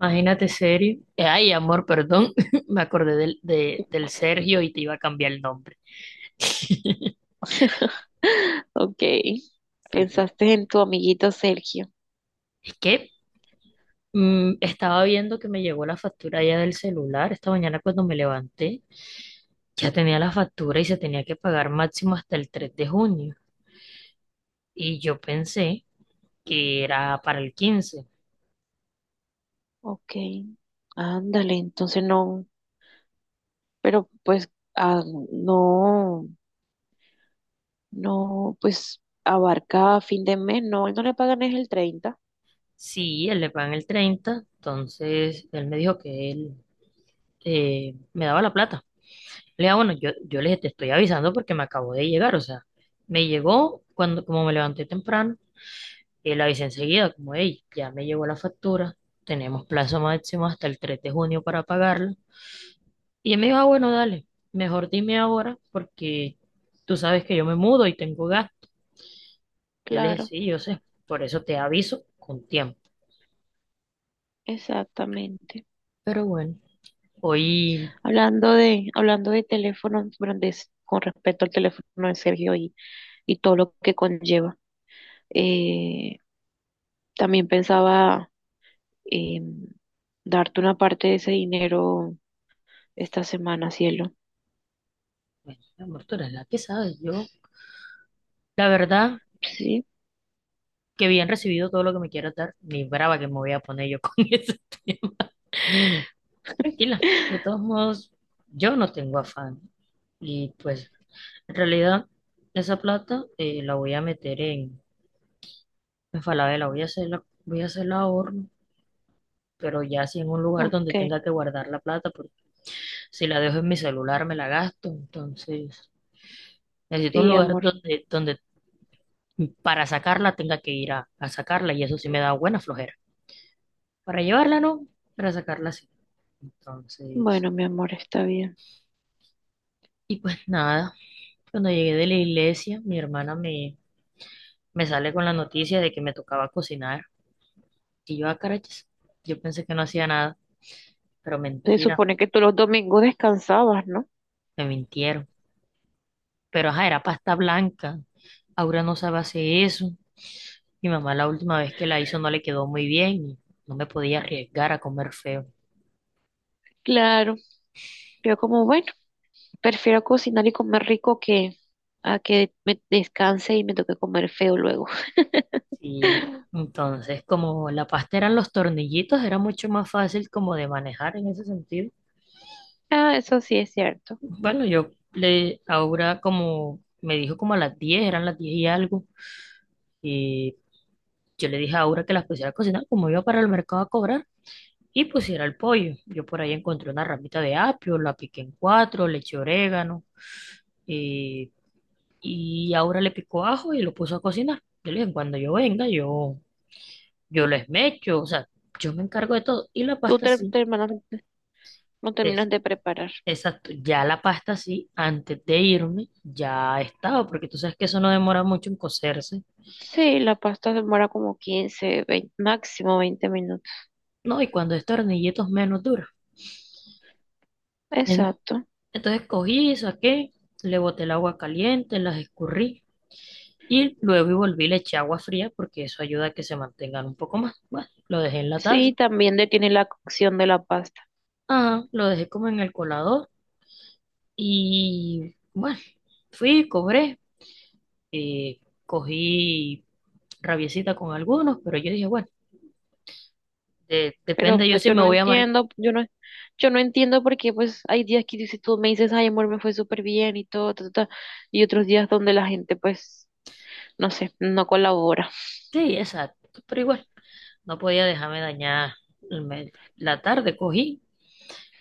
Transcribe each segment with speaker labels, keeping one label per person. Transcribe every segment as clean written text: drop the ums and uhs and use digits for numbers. Speaker 1: Imagínate serio. Ay, amor, perdón. Me acordé del Sergio y te iba a cambiar el nombre.
Speaker 2: Ok,
Speaker 1: Sí, sí.
Speaker 2: pensaste en tu amiguito Sergio.
Speaker 1: Es que estaba viendo que me llegó la factura ya del celular. Esta mañana cuando me levanté, ya tenía la factura y se tenía que pagar máximo hasta el 3 de junio. Y yo pensé que era para el 15.
Speaker 2: Ok, ándale, entonces no, pero pues ah, no, no, pues abarca fin de mes, no, ¿él no le pagan es el 30?
Speaker 1: Sí, él le pagan el 30, entonces él me dijo que él me daba la plata. Le digo, bueno, yo le dije, te estoy avisando porque me acabo de llegar, o sea, me llegó cuando, como me levanté temprano, y le avisé enseguida, como, hey, ya me llegó la factura, tenemos plazo máximo hasta el 3 de junio para pagarla. Y él me dijo, ah, bueno, dale, mejor dime ahora porque tú sabes que yo me mudo y tengo gasto. Yo le dije,
Speaker 2: Claro,
Speaker 1: sí, yo sé, por eso te aviso con tiempo.
Speaker 2: exactamente.
Speaker 1: Pero bueno, hoy,
Speaker 2: Hablando de teléfonos grandes, con respecto al teléfono de Sergio y todo lo que conlleva, eh, también pensaba eh, darte una parte de ese dinero esta semana, cielo.
Speaker 1: bueno, mi amor, tú eres la que sabes, yo, la verdad,
Speaker 2: Sí,
Speaker 1: que bien recibido todo lo que me quieras dar, ni brava que me voy a poner yo con eso. Tranquila, de todos modos, yo no tengo afán. Y pues, en realidad, esa plata, la voy a meter en Falabella, voy a hacerla ahorro, pero ya sí en un lugar
Speaker 2: ok,
Speaker 1: donde tenga que guardar la plata, porque si la dejo en mi celular me la gasto. Entonces, necesito un
Speaker 2: sí,
Speaker 1: lugar
Speaker 2: amor.
Speaker 1: donde para sacarla tenga que ir a sacarla, y eso sí me da buena flojera. Para llevarla no, para sacarla sí. Entonces,
Speaker 2: Bueno, mi amor, está bien.
Speaker 1: y pues nada, cuando llegué de la iglesia, mi hermana me sale con la noticia de que me tocaba cocinar. Y yo, a carachas, yo pensé que no hacía nada, pero
Speaker 2: Se
Speaker 1: mentira,
Speaker 2: supone que tú los domingos descansabas, ¿no?
Speaker 1: me mintieron. Pero ajá, era pasta blanca. Aura no sabe hacer eso. Mi mamá la última vez que la hizo no le quedó muy bien y no me podía arriesgar a comer feo.
Speaker 2: Claro, yo como, bueno. Prefiero cocinar y comer rico que a que me descanse y me toque comer feo luego.
Speaker 1: Sí. Entonces, como la pasta eran los tornillitos, era mucho más fácil como de manejar en ese sentido.
Speaker 2: Ah, eso sí es cierto.
Speaker 1: Bueno, Aura, como me dijo, como a las 10, eran las 10 y algo. Yo le dije a Aura que las pusiera a cocinar, como iba para el mercado a cobrar, y pusiera el pollo. Yo por ahí encontré una ramita de apio, la piqué en cuatro, le eché orégano eh, y Aura le picó ajo y lo puso a cocinar. Yo le dije, cuando yo venga, yo les mecho, o sea, yo me encargo de todo. Y la
Speaker 2: Tú
Speaker 1: pasta sí,
Speaker 2: no terminas
Speaker 1: es,
Speaker 2: de preparar.
Speaker 1: exacto, ya la pasta sí, antes de irme, ya estaba, porque tú sabes que eso no demora mucho en cocerse,
Speaker 2: Sí, la pasta demora como 15 20 máximo 20 minutos.
Speaker 1: ¿no? Y cuando es tornilletos menos dura.
Speaker 2: Exacto.
Speaker 1: Entonces cogí, saqué, le boté el agua caliente, las escurrí y luego y volví, le eché agua fría porque eso ayuda a que se mantengan un poco más. Bueno, lo dejé en la taza.
Speaker 2: Sí, también detiene la cocción de la pasta.
Speaker 1: Ajá, lo dejé como en el colador y bueno, fui, cobré, eh, cogí rabiecita con algunos, pero yo dije, bueno, de-
Speaker 2: Pero
Speaker 1: depende
Speaker 2: pues, no,
Speaker 1: yo si
Speaker 2: yo
Speaker 1: me
Speaker 2: no
Speaker 1: voy a marcar.
Speaker 2: entiendo, yo no, yo no entiendo porque pues hay días que si tú me dices, ay amor, me fue súper bien y todo, ta, ta, ta", y otros días donde la gente pues, no sé, no colabora.
Speaker 1: Sí, exacto, pero igual, no podía dejarme dañar la tarde, cogí.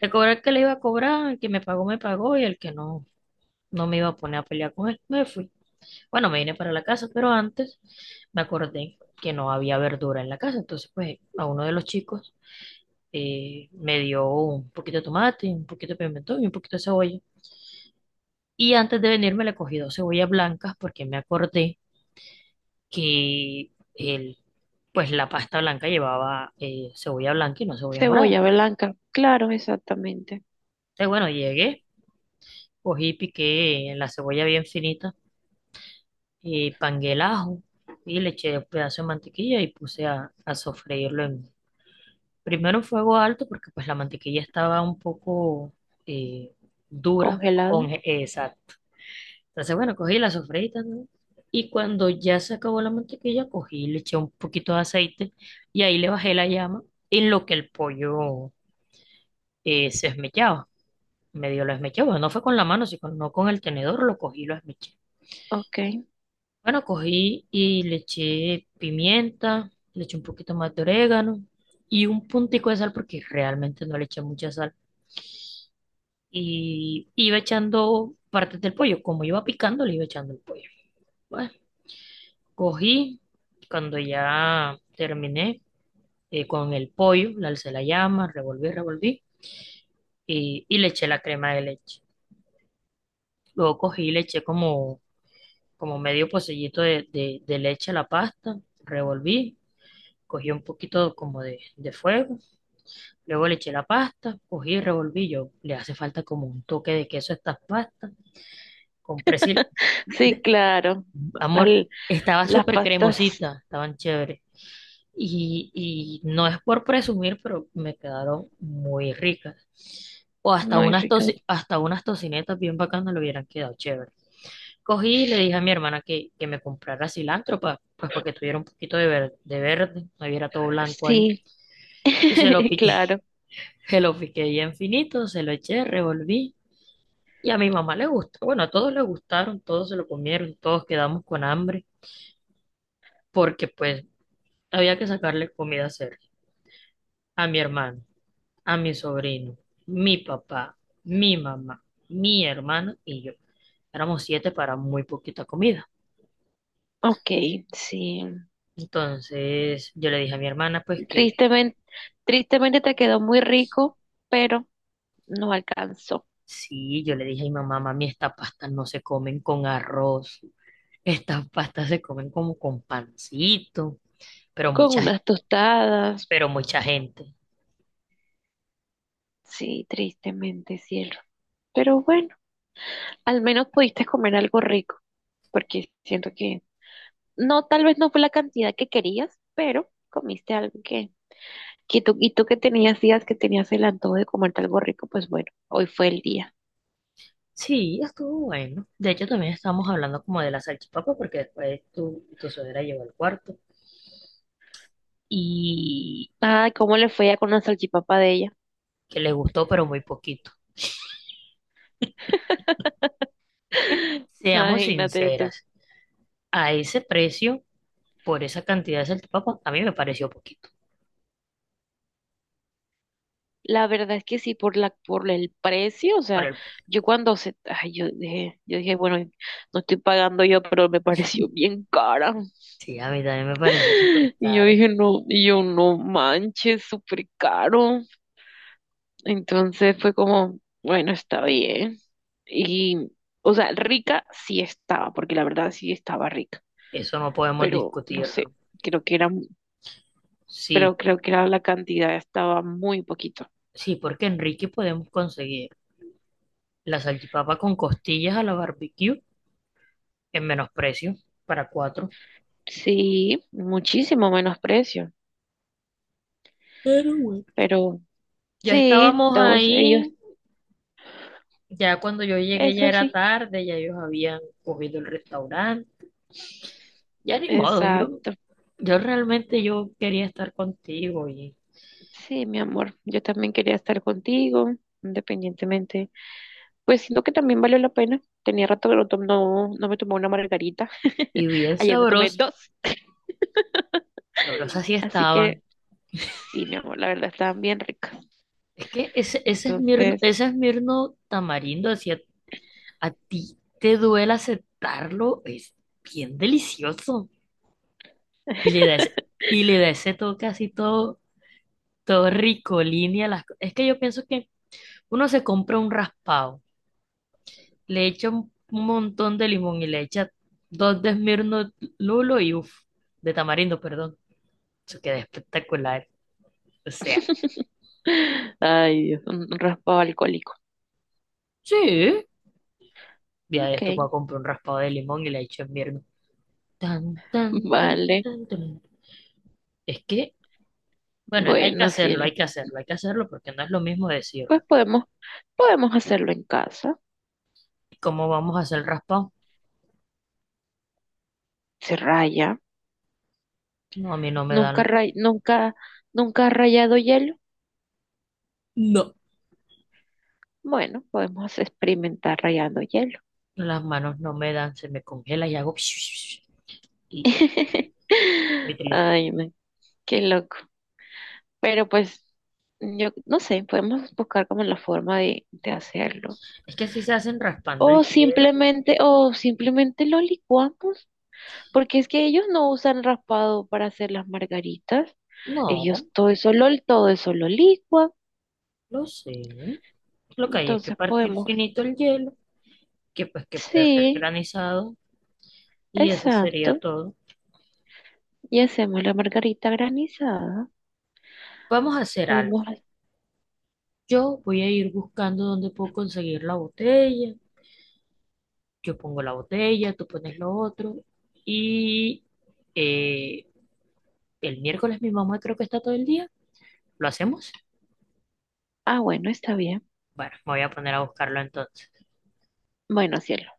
Speaker 1: Le cobré el cobrar que le iba a cobrar, el que me pagó y el que no. No me iba a poner a pelear con él. Me fui. Bueno, me vine para la casa, pero antes me acordé que no había verdura en la casa. Entonces, pues, a uno de los chicos, me dio un poquito de tomate, un poquito de pimentón y un poquito de cebolla. Y antes de venirme le cogí dos cebollas blancas porque me acordé que pues la pasta blanca llevaba cebolla blanca y no cebolla morada.
Speaker 2: Cebolla blanca, claro, exactamente.
Speaker 1: Entonces, bueno, llegué, cogí, piqué la cebolla bien finita y pangué el ajo y le eché un pedazo de mantequilla y puse a sofreírlo primero en fuego alto porque pues la mantequilla estaba un poco eh, dura
Speaker 2: Congelada,
Speaker 1: con esa. Entonces bueno, cogí la sofreí, ¿no? Y cuando ya se acabó la mantequilla, cogí y le eché un poquito de aceite y ahí le bajé la llama en lo que el pollo se esmechaba. Medio lo esmechaba, no fue con la mano, sino no con el tenedor, lo cogí y lo esmeché.
Speaker 2: ok.
Speaker 1: Bueno, cogí y le eché pimienta, le eché un poquito más de orégano y un puntico de sal porque realmente no le eché mucha sal. Y iba echando partes del pollo, como iba picando, le iba echando el pollo. Bueno, cogí, cuando ya terminé con el pollo, le alcé la llama, revolví, revolví y le eché la crema de leche. Luego cogí y le eché como, como medio pocillito de leche a la pasta, revolví, cogí un poquito como de fuego. Luego le eché la pasta, cogí y revolví yo. Le hace falta como un toque de queso a estas pastas. Compré sil...
Speaker 2: Sí,
Speaker 1: de-
Speaker 2: claro.
Speaker 1: Amor,
Speaker 2: Al-
Speaker 1: estaba
Speaker 2: las
Speaker 1: súper
Speaker 2: pastas
Speaker 1: cremosita, estaban chéveres. Y no es por presumir, pero me quedaron muy ricas. O
Speaker 2: muy ricas.
Speaker 1: hasta unas tocinetas bien bacanas le hubieran quedado chévere. Cogí y le dije a mi hermana que me comprara cilantro pues para que tuviera un poquito de verde, no hubiera todo blanco ahí.
Speaker 2: Sí,
Speaker 1: Y se lo piqué.
Speaker 2: claro.
Speaker 1: Se lo piqué ya infinito, se lo eché, revolví y a mi mamá le gustó. Bueno, a todos le gustaron, todos se lo comieron, todos quedamos con hambre porque pues había que sacarle comida a Sergio, a mi hermano, a mi sobrino, mi papá, mi mamá, mi hermano y yo. Éramos siete para muy poquita comida.
Speaker 2: Ok, sí.
Speaker 1: Entonces yo le dije a mi hermana pues que
Speaker 2: Tristemente, tristemente, te quedó muy rico, pero no alcanzó.
Speaker 1: sí, yo le dije a mi mamá, mami, estas pastas no se comen con arroz, estas pastas se comen como con pancito pero
Speaker 2: Con
Speaker 1: mucha
Speaker 2: unas tostadas,
Speaker 1: pero mucha gente.
Speaker 2: sí, tristemente, cielo. Pero bueno, al menos pudiste comer algo rico, porque siento que no, tal vez no fue la cantidad que querías, pero comiste algo que tú, y tú que tenías días que tenías el antojo de comerte algo rico, pues bueno, hoy fue el día.
Speaker 1: Sí, estuvo bueno. De hecho, también estábamos hablando como de la salchipapa, porque después tu suegra llegó al cuarto y
Speaker 2: Ay, cómo le fue ya con la salchipapa de ella.
Speaker 1: que le gustó, pero muy poquito. Es que, seamos
Speaker 2: Imagínate tú.
Speaker 1: sinceras, a ese precio, por esa cantidad de salchipapa, a mí me pareció poquito.
Speaker 2: La verdad es que sí, por el precio, o
Speaker 1: Por
Speaker 2: sea,
Speaker 1: el,
Speaker 2: ay, yo dije, bueno, no estoy pagando yo, pero me pareció bien cara.
Speaker 1: sí, a mí también me pareció súper
Speaker 2: Y yo
Speaker 1: caro.
Speaker 2: dije, no, y yo no manches, súper caro. Entonces fue como, bueno, está bien. Y, o sea, rica sí estaba, porque la verdad sí estaba rica,
Speaker 1: Eso no podemos
Speaker 2: pero no sé,
Speaker 1: discutirlo.
Speaker 2: creo que era,
Speaker 1: Sí,
Speaker 2: pero
Speaker 1: por-
Speaker 2: creo que era la cantidad estaba muy poquito.
Speaker 1: sí, porque en Ricky podemos conseguir la salchipapa con costillas a la barbecue en menos precio para cuatro.
Speaker 2: Sí, muchísimo menos precio,
Speaker 1: Pero bueno.
Speaker 2: pero
Speaker 1: Ya
Speaker 2: sí,
Speaker 1: estábamos
Speaker 2: todos ellos,
Speaker 1: ahí, ya cuando yo llegué ya
Speaker 2: eso
Speaker 1: era
Speaker 2: sí,
Speaker 1: tarde, ya ellos habían cogido el restaurante. Ya ni modo, yo,
Speaker 2: exacto.
Speaker 1: yo realmente yo quería estar contigo
Speaker 2: Sí, mi amor, yo también quería estar contigo, independientemente. Pues siento que también valió la pena. Tenía rato que no, no, no me tomé una margarita.
Speaker 1: y bien
Speaker 2: Ayer me tomé
Speaker 1: sabroso,
Speaker 2: dos.
Speaker 1: sabrosas sí
Speaker 2: Así que
Speaker 1: estaban.
Speaker 2: sí, mi amor, la verdad estaban bien ricas.
Speaker 1: Es que ese, ese Esmirno,
Speaker 2: Entonces,
Speaker 1: ese Esmirno tamarindo, así a ti te duele aceptarlo, es bien delicioso. Y le da ese toque así todo, todo rico, línea. Es que yo pienso que uno se compra un raspado. Le echa un montón de limón y le echa dos de Smirnoff Lulo y uff, de tamarindo, perdón. Eso queda espectacular. O sea,
Speaker 2: ay Dios, un raspado alcohólico.
Speaker 1: sí. Ya de esto
Speaker 2: Ok,
Speaker 1: puedo comprar un raspado de limón y le echo Smirnoff. Tan, tan, tan,
Speaker 2: vale.
Speaker 1: tan, tan. Es que, bueno, hay que
Speaker 2: Bueno,
Speaker 1: hacerlo, hay
Speaker 2: cielo.
Speaker 1: que hacerlo, hay que hacerlo porque no es lo mismo
Speaker 2: Pues
Speaker 1: decirlo.
Speaker 2: podemos hacerlo en casa.
Speaker 1: ¿Cómo vamos a hacer el raspado?
Speaker 2: Se raya.
Speaker 1: No, a mí no me
Speaker 2: Nunca,
Speaker 1: dan,
Speaker 2: nunca, nunca has rayado hielo.
Speaker 1: no,
Speaker 2: Bueno, podemos experimentar rayando hielo.
Speaker 1: las manos no me dan, se me congela y hago y, y- y- y- y-
Speaker 2: Ay, no, qué loco. Pero pues, yo no sé, podemos buscar como la forma de hacerlo.
Speaker 1: Es que así se hacen raspando
Speaker 2: O
Speaker 1: el hierro.
Speaker 2: simplemente, o simplemente lo licuamos, porque es que ellos no usan raspado para hacer las margaritas. Ellos
Speaker 1: No.
Speaker 2: todo eso lo licuan.
Speaker 1: Lo sé. Lo que hay es que
Speaker 2: Entonces
Speaker 1: partir
Speaker 2: podemos,
Speaker 1: finito el hielo, que pues que pueda ser
Speaker 2: sí,
Speaker 1: granizado, y eso sería
Speaker 2: exacto.
Speaker 1: todo.
Speaker 2: Y hacemos la margarita granizada.
Speaker 1: Vamos a hacer
Speaker 2: Podemos,
Speaker 1: algo. Yo voy a ir buscando dónde puedo conseguir la botella. Yo pongo la botella, tú pones lo otro. Y eh, el miércoles mi mamá creo que está todo el día. ¿Lo hacemos?
Speaker 2: ah, bueno, está bien.
Speaker 1: Bueno, me voy a poner a buscarlo entonces.
Speaker 2: Bueno, cielo.